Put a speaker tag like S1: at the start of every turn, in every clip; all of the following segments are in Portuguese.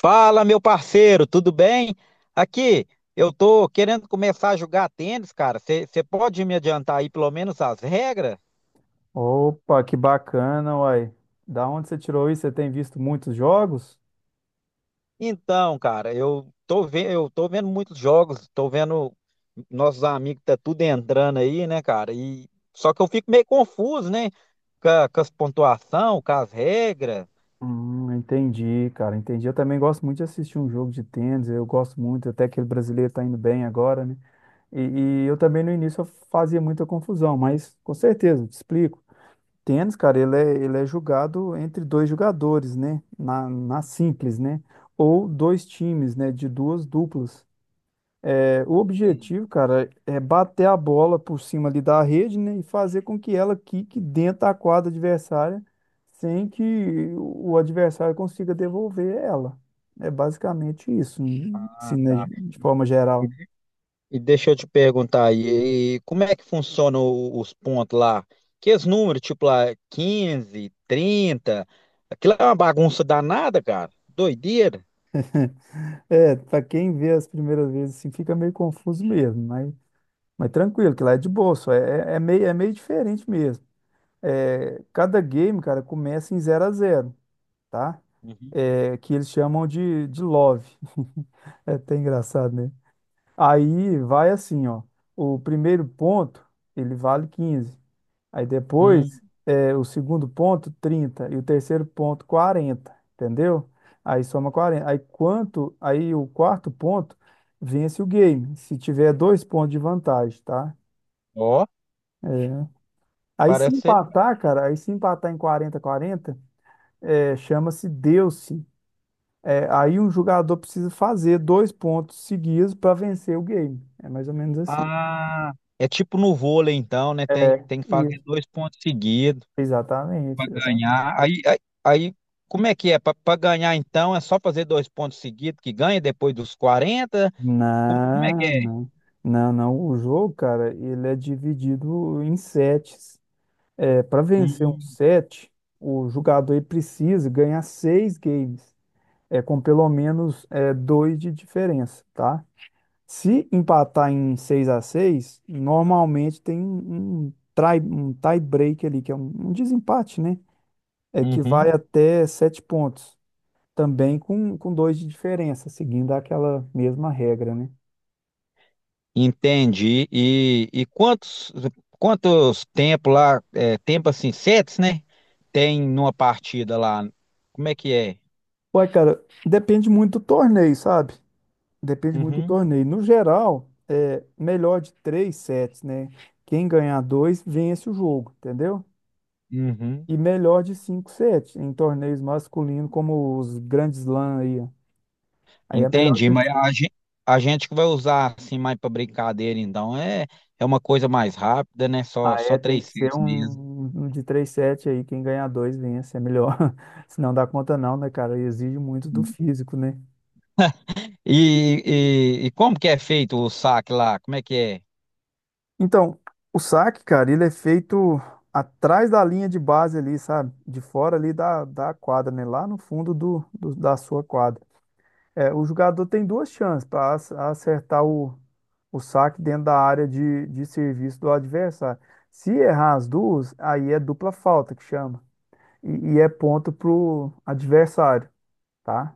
S1: Fala, meu parceiro, tudo bem? Aqui, eu tô querendo começar a jogar tênis, cara. Você pode me adiantar aí pelo menos as regras?
S2: Opa, que bacana, uai. Da onde você tirou isso? Você tem visto muitos jogos?
S1: Então, cara, eu tô vendo muitos jogos, tô vendo nossos amigos tá tudo entrando aí, né, cara? E só que eu fico meio confuso, né, com as pontuação, com as regras.
S2: Entendi, cara, entendi. Eu também gosto muito de assistir um jogo de tênis, eu gosto muito, até que o brasileiro tá indo bem agora, né? E, e eu também no início eu fazia muita confusão, mas com certeza, te explico. Tênis, cara, ele é jogado entre dois jogadores, né? Na simples, né? Ou dois times, né? De duas duplas. É, o objetivo, cara, é bater a bola por cima ali da rede, né, e fazer com que ela quique dentro da quadra adversária sem que o adversário consiga devolver ela. É basicamente isso, né, assim,
S1: Ah,
S2: né,
S1: tá.
S2: de forma geral.
S1: E deixa eu te perguntar aí, e como é que funcionam os pontos lá? Que os números, tipo lá, 15 trinta, aquilo é uma bagunça danada, cara. Doideira.
S2: É, para quem vê as primeiras vezes, assim, fica meio confuso mesmo, mas tranquilo, que lá é de boa, só é, é meio diferente mesmo. É, cada game, cara, começa em zero a zero. Tá?
S1: Uhum.
S2: É, que eles chamam de love. É até engraçado, né? Aí vai assim, ó. O primeiro ponto, ele vale 15. Aí
S1: Hum,
S2: depois, é, o segundo ponto, 30. E o terceiro ponto, 40. Entendeu? Aí soma 40. Aí quanto, aí o quarto ponto, vence o game. Se tiver dois pontos de vantagem, tá?
S1: ó,
S2: É. Aí se
S1: parece ser.
S2: empatar, cara, aí se empatar em 40-40, é, chama-se deu-se. É, aí um jogador precisa fazer dois pontos seguidos para vencer o game. É mais ou menos assim.
S1: Ah, é tipo no vôlei, então, né? Tem que fazer
S2: Isso.
S1: dois pontos seguidos
S2: Exatamente,
S1: para
S2: exatamente.
S1: ganhar. Aí, como é que é? Para ganhar, então, é só fazer dois pontos seguidos que ganha depois dos quarenta. Como é que
S2: Não,
S1: é?
S2: não. Não, não. O jogo, cara, ele é dividido em sets. É, para vencer um
S1: Hum,
S2: set, o jogador ele precisa ganhar seis games, é, com pelo menos é, dois de diferença, tá? Se empatar em 6-6, normalmente tem um, um tie break ali, que é um desempate, né? É que
S1: uhum.
S2: vai até sete pontos, também com dois de diferença, seguindo aquela mesma regra, né?
S1: Entendi. E quantos tempo lá, é, tempo assim, sets, né? Tem numa partida lá. Como é que é?
S2: Ué, cara, depende muito do torneio, sabe? Depende muito do
S1: Uhum,
S2: torneio. No geral, é melhor de três sets, né? Quem ganhar dois, vence o jogo, entendeu?
S1: uhum.
S2: E melhor de cinco sets em torneios masculinos, como os grandes Slam aí, ó. Aí é melhor
S1: Entendi,
S2: de
S1: mas a
S2: cinco.
S1: gente, a gente que vai usar assim mais para brincadeira, então é uma coisa mais rápida, né? Só
S2: Ah, é,
S1: só
S2: tem
S1: três
S2: que ser
S1: sets mesmo.
S2: um, um de três 7 aí, quem ganhar dois vence, é melhor. Se não dá conta não, né, cara? E exige muito do físico, né?
S1: E, e como que é feito o saque lá? Como é que é?
S2: Então, o saque, cara, ele é feito atrás da linha de base ali, sabe? De fora ali da quadra, né? Lá no fundo da sua quadra. É, o jogador tem duas chances para acertar o saque dentro da área de serviço do adversário. Se errar as duas, aí é dupla falta que chama. E é ponto pro adversário. Tá?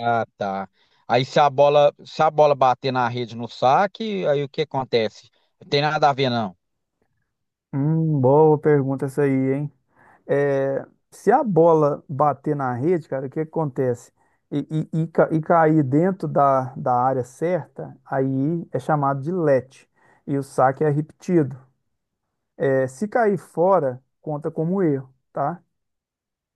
S1: Ah, tá. Aí se a bola bater na rede no saque, aí o que acontece? Não tem nada a ver, não.
S2: Boa pergunta essa aí, hein? É, se a bola bater na rede, cara, o que acontece? E, e cair dentro da área certa, aí é chamado de let. E o saque é repetido. É, se cair fora, conta como erro, tá?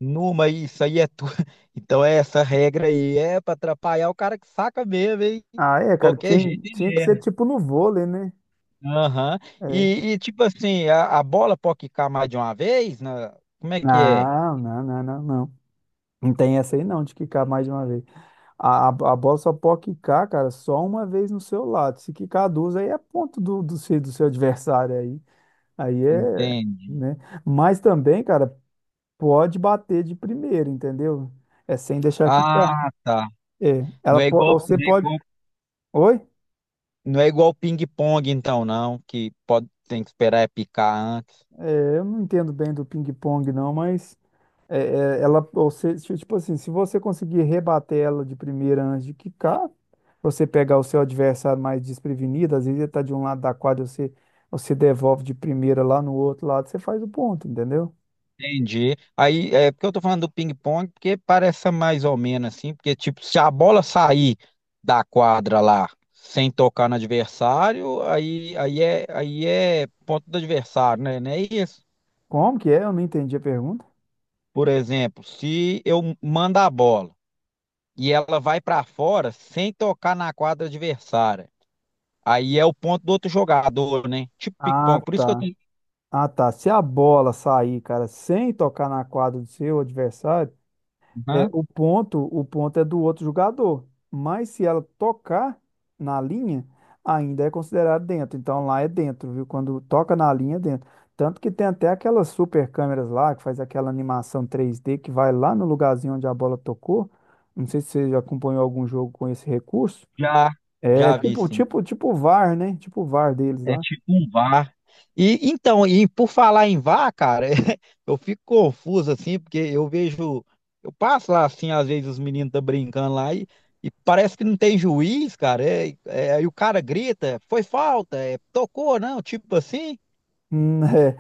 S1: Numa, isso aí é tudo. Então, essa regra aí é para atrapalhar o cara que saca mesmo, hein?
S2: Ah, é, cara,
S1: Qualquer
S2: tinha,
S1: jeito
S2: tinha
S1: ele
S2: que ser
S1: erra.
S2: tipo no vôlei, né?
S1: Aham.
S2: É.
S1: E, tipo assim, a bola pode quicar mais de uma vez? Né? Como é que é?
S2: Não, não, não, não, não. Não tem essa aí não, de quicar mais de uma vez. A bola só pode quicar, cara, só uma vez no seu lado. Se quicar duas, aí é ponto do seu adversário aí. Aí é,
S1: Entende?
S2: né? Mas também, cara, pode bater de primeira, entendeu? É sem deixar quicar.
S1: Ah, tá.
S2: É,
S1: Não é igual, não
S2: você
S1: é
S2: pode.
S1: igual,
S2: Oi?
S1: não é igual ping-pong, então, não, que pode, tem que esperar é picar antes.
S2: É, eu não entendo bem do ping-pong, não, mas você, tipo assim, se você conseguir rebater ela de primeira antes de quicar, você pegar o seu adversário mais desprevenido, às vezes ele tá de um lado da quadra, você devolve de primeira lá no outro lado, você faz o ponto, entendeu?
S1: Entendi. Aí, é porque eu tô falando do ping-pong, porque parece mais ou menos assim, porque tipo, se a bola sair da quadra lá sem tocar no adversário, aí é ponto do adversário, né? Não é isso?
S2: Como que é? Eu não entendi a pergunta.
S1: Por exemplo, se eu mando a bola e ela vai pra fora sem tocar na quadra adversária, aí é o ponto do outro jogador, né? Tipo
S2: Ah,
S1: ping-pong. Por isso que eu
S2: tá.
S1: tenho.
S2: Ah, tá. Se a bola sair, cara, sem tocar na quadra do seu adversário, é,
S1: Aham,
S2: o ponto, é do outro jogador, mas se ela tocar na linha, ainda é considerado dentro. Então lá é dentro, viu? Quando toca na linha, é dentro. Tanto que tem até aquelas super câmeras lá que faz aquela animação 3D que vai lá no lugarzinho onde a bola tocou. Não sei se você já acompanhou algum jogo com esse recurso.
S1: já,
S2: É.
S1: já
S2: Já,
S1: vi,
S2: tipo,
S1: sim.
S2: tipo, tipo o VAR, né? Tipo o VAR deles
S1: É
S2: lá.
S1: tipo um VAR. E então, e por falar em VAR, cara, eu fico confuso assim, porque eu vejo, eu passo lá assim, às vezes os meninos estão brincando lá e parece que não tem juiz, cara. É, é, aí o cara grita, foi falta, é, tocou, não, tipo assim.
S2: Hum, É,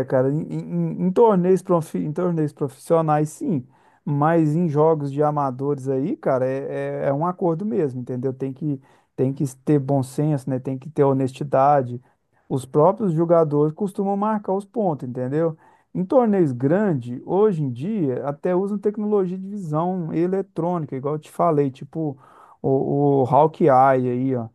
S2: é, cara, em torneios profissionais, sim, mas em jogos de amadores aí, cara, é um acordo mesmo, entendeu? Tem que ter bom senso, né? Tem que ter honestidade. Os próprios jogadores costumam marcar os pontos, entendeu? Em torneios grandes, hoje em dia, até usam tecnologia de visão eletrônica, igual eu te falei, tipo o Hawk Eye aí, ó,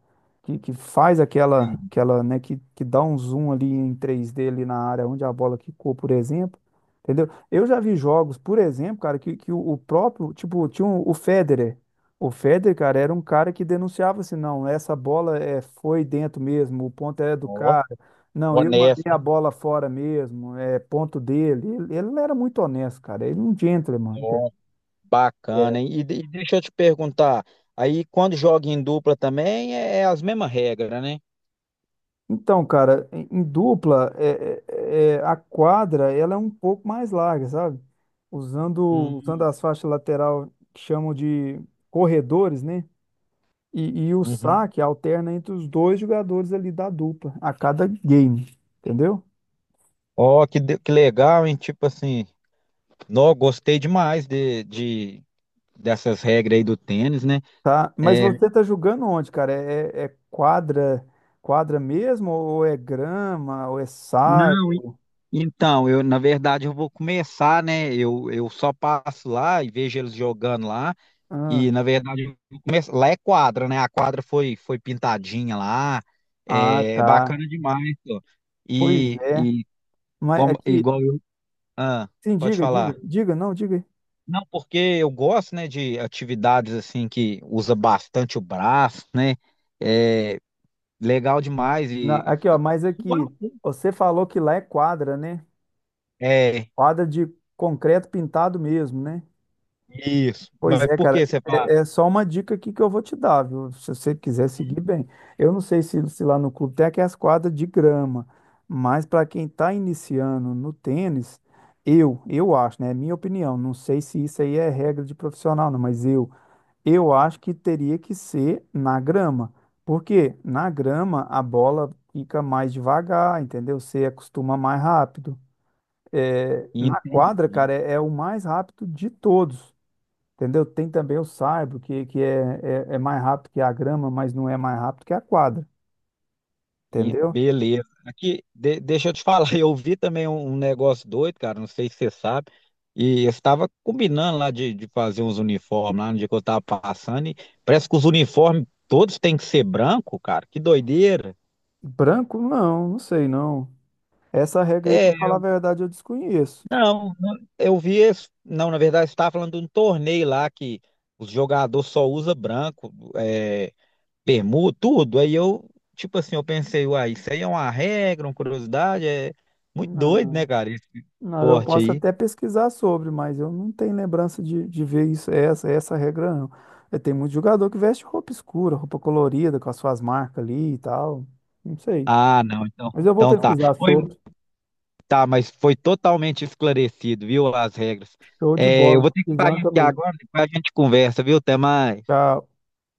S2: que faz aquela,
S1: Sim.
S2: aquela, né, que dá um zoom ali em 3D ali na área onde a bola quicou, por exemplo. Entendeu? Eu já vi jogos, por exemplo, cara, que o próprio, tipo, o Federer. O Federer, cara, era um cara que denunciava assim, não, essa bola é, foi dentro mesmo, o ponto é do
S1: Ó,
S2: cara. Não, eu mandei
S1: honesto,
S2: a
S1: hein?
S2: bola fora mesmo, é ponto dele. Ele não era muito honesto, cara. Ele não um gentleman, entendeu?
S1: Ó,
S2: É.
S1: bacana, hein? E, e deixa eu te perguntar, aí quando joga em dupla também é, é as mesmas regras, né?
S2: Então, cara, em dupla, a quadra ela é um pouco mais larga, sabe? Usando
S1: Hum,
S2: as faixas lateral que chamam de corredores, né? E o
S1: uhum.
S2: saque alterna entre os dois jogadores ali da dupla, a cada game, entendeu?
S1: Ó, que, que legal, hein? Tipo assim. Não, gostei demais dessas regras aí do tênis, né?
S2: Tá, mas
S1: É,
S2: você tá jogando onde, cara? É quadra, quadra mesmo, ou é grama, ou é saia?
S1: não, então, eu na verdade eu vou começar, né? Eu só passo lá e vejo eles jogando lá e
S2: Ah,
S1: na verdade eu vou lá é quadra, né? A quadra foi pintadinha lá,
S2: ah,
S1: é, é
S2: tá.
S1: bacana demais, ó.
S2: Pois
S1: E,
S2: é.
S1: e
S2: Mas
S1: como
S2: aqui,
S1: igual eu, ah,
S2: sim,
S1: pode
S2: diga, diga,
S1: falar.
S2: diga, não, diga.
S1: Não, porque eu gosto, né, de atividades assim que usa bastante o braço, né? É, legal demais e
S2: Aqui, ó, mas aqui,
S1: Uau.
S2: você falou que lá é quadra, né?
S1: É,
S2: Quadra de concreto pintado mesmo, né?
S1: isso.
S2: Pois
S1: Mas
S2: é,
S1: por
S2: cara,
S1: que você fala?
S2: é só uma dica aqui que eu vou te dar, viu? Se você quiser seguir bem. Eu não sei se lá no clube tem aquelas quadras de grama, mas para quem está iniciando no tênis, eu acho, né? É minha opinião. Não sei se isso aí é regra de profissional, não, Eu acho que teria que ser na grama, porque na grama a bola fica mais devagar, entendeu? Você acostuma mais rápido. É, na
S1: Entendi.
S2: quadra, cara, é o mais rápido de todos, entendeu? Tem também o saibro, que é, é mais rápido que a grama, mas não é mais rápido que a quadra,
S1: E-
S2: entendeu?
S1: beleza. Aqui, deixa eu te falar, eu vi também um negócio doido, cara, não sei se você sabe. E eu estava combinando lá de fazer uns uniformes lá no dia que eu estava passando. E parece que os uniformes todos têm que ser branco, cara. Que doideira.
S2: Branco, não, não sei não. Essa regra aí, pra
S1: É,
S2: falar a verdade, eu desconheço.
S1: não, eu vi esse. Não, na verdade, você estava falando de um torneio lá que os jogadores só usam branco. É, permuta, tudo. Aí eu, tipo assim, eu pensei, uai, isso aí é uma regra, uma curiosidade, é muito doido, né, cara, esse
S2: Não, eu
S1: esporte
S2: posso
S1: aí.
S2: até pesquisar sobre, mas eu não tenho lembrança de ver isso, é essa regra, não. Tem muito jogador que veste roupa escura, roupa colorida, com as suas marcas ali e tal. Não sei.
S1: Ah, não,
S2: Mas eu vou
S1: então tá.
S2: pesquisar
S1: Foi,
S2: sobre.
S1: tá, mas foi totalmente esclarecido, viu, as regras.
S2: Show de
S1: É, eu
S2: bola.
S1: vou ter que
S2: Pesquisando
S1: sair aqui
S2: também.
S1: agora, depois a gente conversa, viu? Até mais.
S2: Tchau.